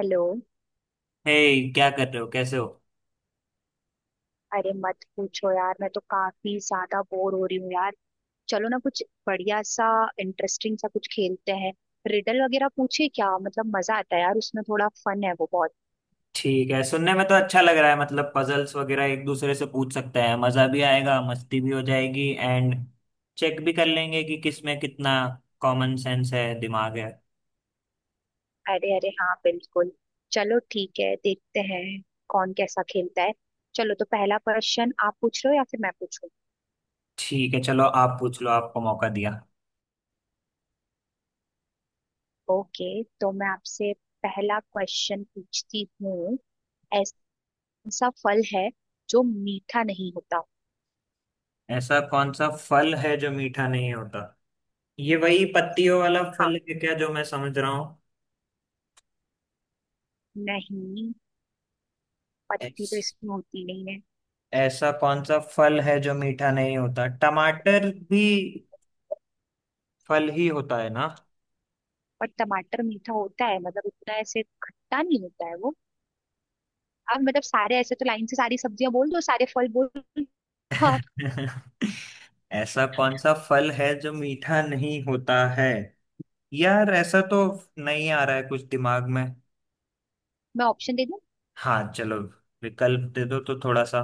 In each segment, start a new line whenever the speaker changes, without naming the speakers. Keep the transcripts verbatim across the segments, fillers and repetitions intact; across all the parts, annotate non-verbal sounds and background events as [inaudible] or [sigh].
Hello.
Hey. क्या कर रहे हो, कैसे हो।
अरे मत पूछो यार, मैं तो काफी ज्यादा बोर हो रही हूँ यार। चलो ना, कुछ बढ़िया सा इंटरेस्टिंग सा कुछ खेलते हैं। रिडल वगैरह पूछे क्या, मतलब मजा आता है यार, उसमें थोड़ा फन है वो बहुत।
ठीक है, सुनने में तो अच्छा लग रहा है। मतलब पजल्स वगैरह एक दूसरे से पूछ सकते हैं, मजा भी आएगा, मस्ती भी हो जाएगी। एंड चेक भी कर लेंगे कि किस में कितना कॉमन सेंस है, दिमाग है।
अरे अरे हाँ, बिल्कुल। चलो ठीक है, देखते हैं कौन कैसा खेलता है। चलो, तो पहला क्वेश्चन आप पूछ रहे हो या फिर मैं पूछूं?
ठीक है, चलो आप पूछ लो, आपको मौका दिया।
ओके, तो मैं आपसे पहला क्वेश्चन पूछती हूँ। ऐसा फल है जो मीठा नहीं होता।
ऐसा कौन सा फल है जो मीठा नहीं होता। ये वही पत्तियों वाला
हाँ।
फल है क्या जो मैं समझ रहा हूँ।
नहीं, पत्ती तो
ऐस-
इसमें होती नहीं है।
ऐसा कौन सा फल है जो मीठा नहीं होता। टमाटर भी फल ही होता है ना।
और टमाटर मीठा होता है मतलब, इतना ऐसे खट्टा नहीं होता है वो। आप मतलब सारे ऐसे तो लाइन से सारी सब्जियां बोल दो, सारे फल बोल दो। हाँ।
[laughs] ऐसा कौन सा फल है जो मीठा नहीं होता है। यार ऐसा तो नहीं आ रहा है कुछ दिमाग में।
मैं ऑप्शन दे दूं?
हाँ चलो, विकल्प दे दो तो थोड़ा सा।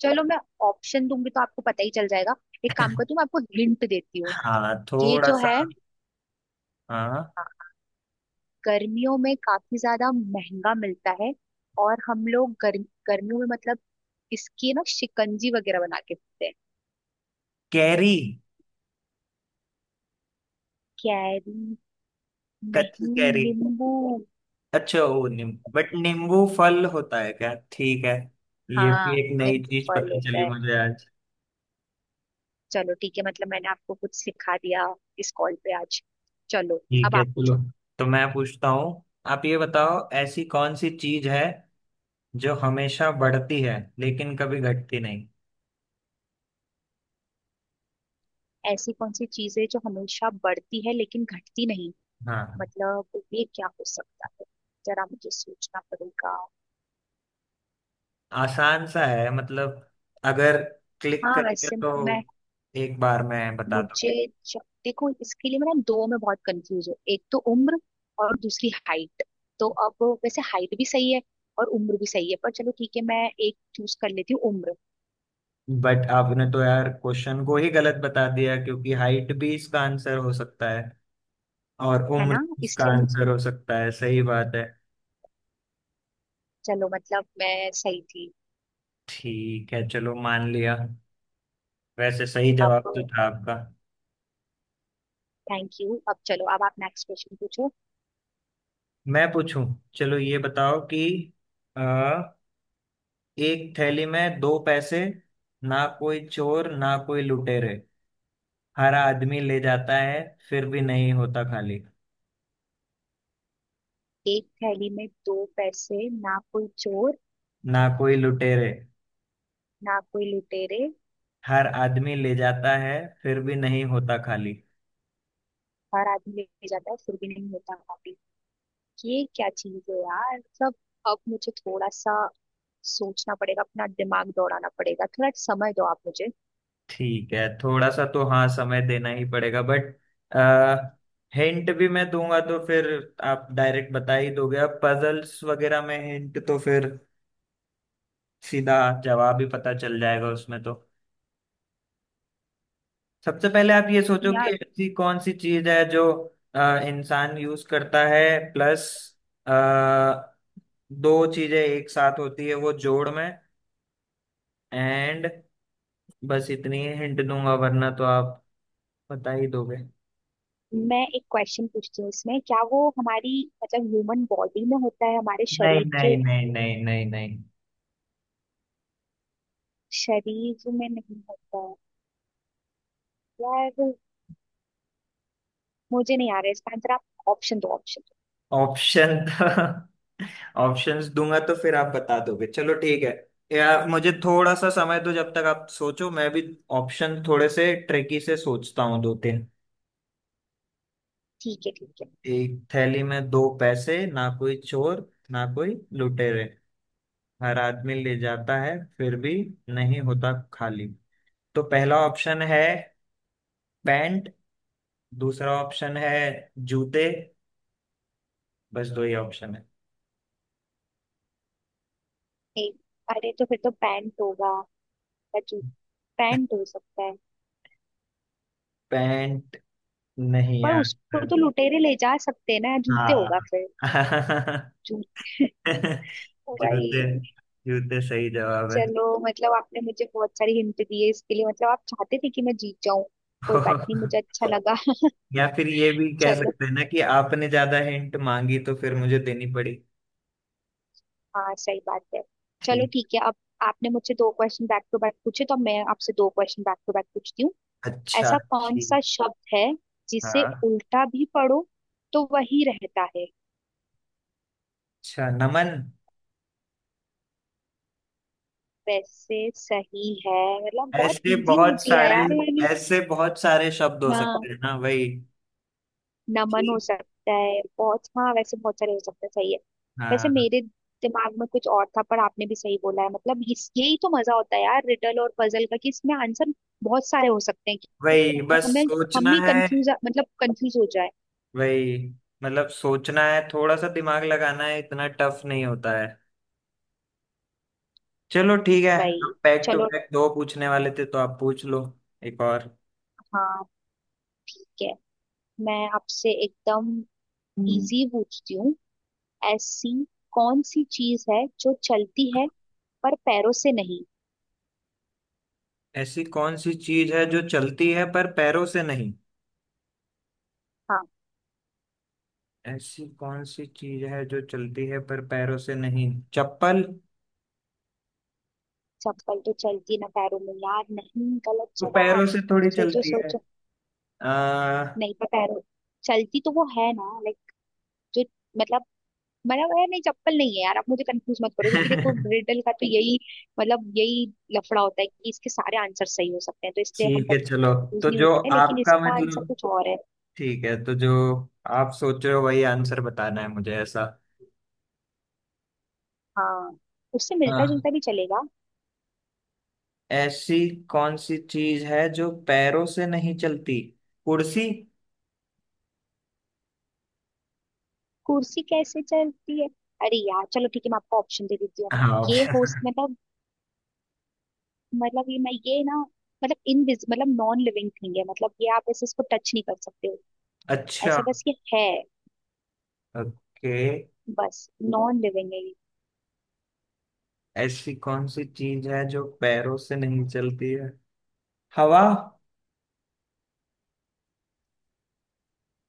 चलो, मैं ऑप्शन दूंगी तो आपको पता ही चल जाएगा। एक काम करती हूँ,
[laughs]
मैं आपको हिंट देती हूँ।
हाँ
ये
थोड़ा
जो
सा।
है,
हाँ।
हाँ, गर्मियों में काफी ज्यादा महंगा मिलता है। और हम लोग गर्म गर्मियों में मतलब, इसकी ना शिकंजी वगैरह बना के पीते हैं।
कैरी।
कैरी?
कच्ची
नहीं,
कैरी।
नींबू।
अच्छा, वो नीम बट नींबू फल होता है क्या, ठीक है। ये
हाँ,
भी एक नई
नींबू
चीज
फल
पता
होता
चली
है।
मुझे आज।
चलो ठीक है, मतलब मैंने आपको कुछ सिखा दिया इस कॉल पे आज। चलो,
ठीक
अब
है
आप
चलो,
पूछो।
तो मैं पूछता हूँ। आप ये बताओ, ऐसी कौन सी चीज है जो हमेशा बढ़ती है लेकिन कभी घटती नहीं।
ऐसी कौन सी चीज है जो हमेशा बढ़ती है लेकिन घटती नहीं?
हाँ।
मतलब, ये क्या हो सकता है? जरा मुझे सोचना पड़ेगा।
आसान सा है मतलब, अगर क्लिक
हाँ,
करके
वैसे।
तो
मैं
एक बार मैं बता
मुझे
दूंगी।
ज- देखो, इसके लिए मैं ना दो में बहुत कंफ्यूज हूँ। एक तो उम्र और दूसरी हाइट। तो अब वैसे हाइट भी सही है और उम्र भी सही है, पर चलो ठीक है, मैं एक चूज कर लेती हूँ उम्र।
बट आपने तो यार क्वेश्चन को ही गलत बता दिया, क्योंकि हाइट भी इसका आंसर हो सकता है और
है
उम्र
ना,
भी इसका
इसलिए मुझे।
आंसर हो सकता है, सही बात है।
चलो मतलब, मैं सही थी।
ठीक है चलो, मान लिया। वैसे सही
अब
जवाब तो था आपका।
थैंक यू, अब चलो, अब आप नेक्स्ट क्वेश्चन पूछो।
मैं पूछूं। चलो ये बताओ कि एक थैली में दो पैसे, ना कोई चोर ना कोई लुटेरे, हर आदमी ले जाता है फिर भी नहीं होता खाली।
एक थैली में दो पैसे, ना कोई चोर
ना कोई लुटेरे।
ना कोई लुटेरे,
हर आदमी ले जाता है, फिर भी नहीं होता खाली।
हर आदमी ले जाता है, फिर भी नहीं होता कॉपी। ये क्या चीज है यार सब? अब मुझे थोड़ा सा सोचना पड़ेगा, अपना दिमाग दौड़ाना पड़ेगा, थोड़ा समय दो आप मुझे।
ठीक है, थोड़ा सा तो हाँ समय देना ही पड़ेगा। बट हिंट भी मैं दूंगा तो फिर आप डायरेक्ट बता ही दोगे। अब पजल्स वगैरह में हिंट तो फिर सीधा जवाब ही पता चल जाएगा उसमें तो। सबसे पहले आप ये सोचो कि
यार,
ऐसी कौन सी चीज है जो अ, इंसान यूज करता है। प्लस दो चीजें एक साथ होती है वो जोड़ में। एंड बस इतनी ही हिंट दूंगा, वरना तो आप बता ही दोगे।
मैं एक क्वेश्चन पूछती हूँ, इसमें क्या वो हमारी मतलब ह्यूमन बॉडी में होता है, हमारे
नहीं
शरीर के?
नहीं नहीं नहीं नहीं नहीं।
शरीर में नहीं होता है? यार, मुझे नहीं आ रहा है इसका आंसर, आप ऑप्शन दो, ऑप्शन दो।
ऑप्शन [laughs] तो ऑप्शंस दूंगा तो फिर आप बता दोगे, चलो ठीक है। यार मुझे थोड़ा सा समय दो, जब तक आप सोचो मैं भी ऑप्शन थोड़े से ट्रिकी से सोचता हूँ, दो तीन।
ठीक है, ठीक है।
एक थैली में दो पैसे, ना कोई चोर ना कोई लुटेरे, हर आदमी ले जाता है फिर भी नहीं होता खाली। तो पहला ऑप्शन है पैंट। दूसरा ऑप्शन है जूते। बस दो ही ऑप्शन है।
नहीं, अरे तो फिर तो पैंट होगा या जू, पैंट हो सकता है।
पैंट नहीं
पर
यार।
उसको तो लुटेरे ले जा सकते हैं ना, जूते
हाँ।
होगा फिर।
[laughs]
जूते [laughs] भाई।
जूते। जूते सही जवाब है।
चलो मतलब, आपने मुझे बहुत सारी हिंट दी है इसके लिए, मतलब आप चाहते थे कि मैं जीत जाऊं। कोई बात नहीं, मुझे
[laughs]
अच्छा लगा।
या फिर ये भी
[laughs]
कह
चलो,
सकते हैं ना कि आपने ज्यादा हिंट मांगी तो फिर मुझे देनी पड़ी।
हाँ सही बात है। चलो ठीक है, अब आपने मुझसे दो क्वेश्चन बैक टू बैक पूछे, तो अब मैं आपसे दो क्वेश्चन बैक टू बैक पूछती हूँ।
अच्छा।
ऐसा कौन सा
ठीक।
शब्द है जिसे
हाँ।
उल्टा भी पढ़ो तो वही रहता है?
अच्छा, नमन।
वैसे सही है, मतलब बहुत
ऐसे
इजी
बहुत
पूछ लिया
सारे,
यार मैंने।
ऐसे बहुत सारे शब्द हो
हाँ,
सकते हैं ना वही।
नमन हो
ठीक।
सकता है, बहुत हाँ, वैसे बहुत सारे हो सकते हैं, सही है। वैसे
हाँ।
मेरे दिमाग में कुछ और था, पर आपने भी सही बोला है। मतलब इस यही तो मजा होता है यार रिडल और पजल का, कि इसमें आंसर बहुत सारे हो सकते हैं कि
वही बस
हमें, हम
सोचना
ही
है।
कंफ्यूज, मतलब कंफ्यूज हो जाए।
वही, मतलब सोचना है, थोड़ा सा दिमाग लगाना है, इतना टफ नहीं होता है। चलो ठीक है।
भाई,
अब बैक टू
चलो
बैक दो पूछने वाले थे तो आप पूछ लो, एक और।
हाँ ठीक है, मैं आपसे एकदम
हम्म,
इजी पूछती हूँ। ऐसी कौन सी चीज है जो चलती है पर पैरों से नहीं?
ऐसी कौन सी चीज है जो चलती है पर पैरों से नहीं।
हाँ।
ऐसी कौन सी चीज है जो चलती है पर पैरों से नहीं, चप्पल।
चप्पल तो चलती ना पैरों में यार, नहीं, गलत
तो
जवाब।
पैरों से थोड़ी
सोचो,
चलती है।
सोचो।
आ,
नहीं पता पैरों। चलती तो वो है ना, लाइक, जो मतलब, मतलब यार नहीं, चप्पल नहीं है यार, आप मुझे कंफ्यूज मत करो, क्योंकि देखो
[laughs]
रिडल का तो यही मतलब, यही लफड़ा होता है कि इसके सारे आंसर सही हो सकते हैं, तो इसलिए हम
ठीक है चलो।
कंफ्यूज
तो
नहीं
जो
होते हैं, लेकिन
आपका
इसका आंसर
मतलब,
कुछ और है।
ठीक है, तो जो आप सोच रहे हो वही आंसर बताना है मुझे, ऐसा।
हाँ, उससे मिलता
हाँ।
जुलता भी चलेगा।
ऐसी कौन सी चीज है जो पैरों से नहीं चलती, कुर्सी।
कुर्सी कैसे चलती है? अरे यार, चलो ठीक है, मैं आपको ऑप्शन दे देती हूँ।
हाँ।
ये हो
[laughs]
मतलब, मतलब ये मैं ये ना मतलब इन मतलब नॉन लिविंग थिंग है, मतलब ये आप ऐसे इसको टच नहीं कर सकते हो।
अच्छा।
ऐसा बस ये है,
ओके।
बस नॉन लिविंग है ये।
ऐसी कौन सी चीज है जो पैरों से नहीं चलती है, हवा।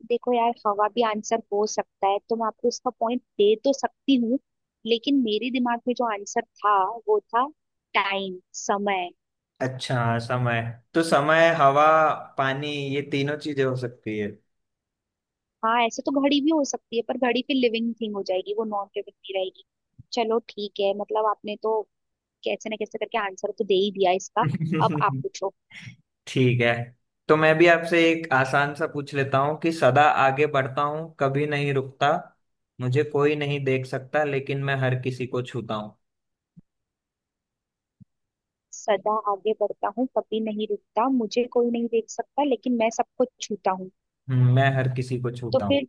देखो यार, हवा भी आंसर हो सकता है, तो मैं आपको इसका पॉइंट दे तो सकती हूँ, लेकिन मेरे दिमाग में जो आंसर था, वो था टाइम, समय।
अच्छा हाँ, समय। तो समय, हवा, पानी, ये तीनों चीजें हो सकती है।
हाँ, ऐसे तो घड़ी भी हो सकती है, पर घड़ी फिर लिविंग थिंग हो जाएगी, वो नॉन लिविंग नहीं रहेगी। चलो ठीक है, मतलब आपने तो कैसे ना कैसे करके आंसर तो दे ही दिया इसका। अब आप
[laughs]
पूछो।
ठीक है, तो मैं भी आपसे एक आसान सा पूछ लेता हूँ कि सदा आगे बढ़ता हूँ कभी नहीं रुकता, मुझे कोई नहीं देख सकता लेकिन मैं हर किसी को छूता हूँ।
सदा आगे बढ़ता हूँ कभी नहीं रुकता, मुझे कोई नहीं देख सकता, लेकिन मैं सबको छूता हूँ।
हम्म, मैं हर किसी को
तो
छूता हूँ।
फिर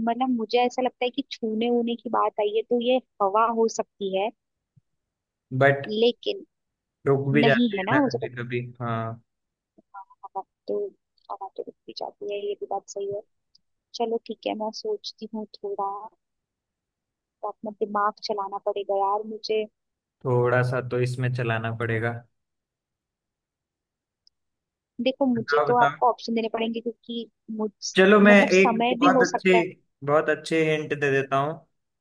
मतलब, मुझे ऐसा लगता है कि छूने ऊने की बात आई है, तो ये हवा हो सकती है।
बट
लेकिन
रुक भी
नहीं,
जाती
है
है ना
ना, मुझे
कभी
पता,
कभी, हाँ।
हवा तो हवा तो रुक भी जाती है, ये भी बात सही है। चलो ठीक है, मैं सोचती हूँ थोड़ा, तो अपना दिमाग चलाना पड़ेगा यार मुझे।
थोड़ा सा तो इसमें चलाना पड़ेगा।
देखो, मुझे
बताओ
तो
बताओ।
आपको ऑप्शन देने पड़ेंगे क्योंकि मुझ,
चलो मैं
मतलब
एक
समय भी
बहुत
हो
अच्छे,
सकता है।
बहुत अच्छे हिंट दे देता हूँ।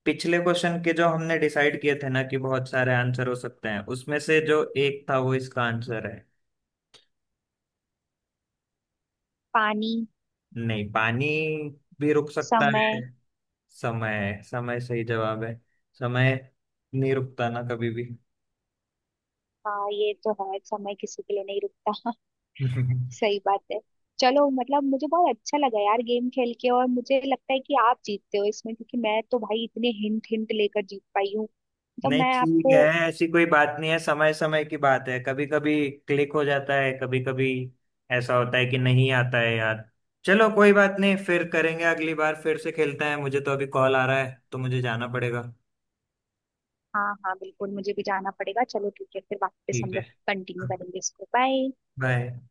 पिछले क्वेश्चन के जो हमने डिसाइड किए थे ना कि बहुत सारे आंसर हो सकते हैं, उसमें से जो एक था वो इसका आंसर है।
पानी?
नहीं पानी भी रुक सकता है।
समय?
समय। समय सही जवाब है। समय नहीं रुकता ना कभी भी।
हाँ, ये तो है, समय किसी के लिए नहीं रुकता। [laughs]
[laughs]
सही बात है। चलो मतलब, मुझे बहुत अच्छा लगा यार गेम खेल के, और मुझे लगता है कि आप जीतते हो इसमें, क्योंकि मैं तो भाई इतने हिंट हिंट लेकर जीत पाई हूँ। तो
नहीं
मैं
ठीक है,
आपको,
ऐसी कोई बात नहीं है। समय समय की बात है, कभी कभी क्लिक हो जाता है, कभी कभी ऐसा होता है कि नहीं आता है यार। चलो कोई बात नहीं, फिर करेंगे, अगली बार फिर से खेलते हैं। मुझे तो अभी कॉल आ रहा है तो मुझे जाना पड़ेगा।
हाँ हाँ बिल्कुल, मुझे भी जाना पड़ेगा। चलो ठीक है, फिर वापस हम
ठीक
लोग
है।
कंटिन्यू
[laughs]
करेंगे इसको, बाय।
बाय।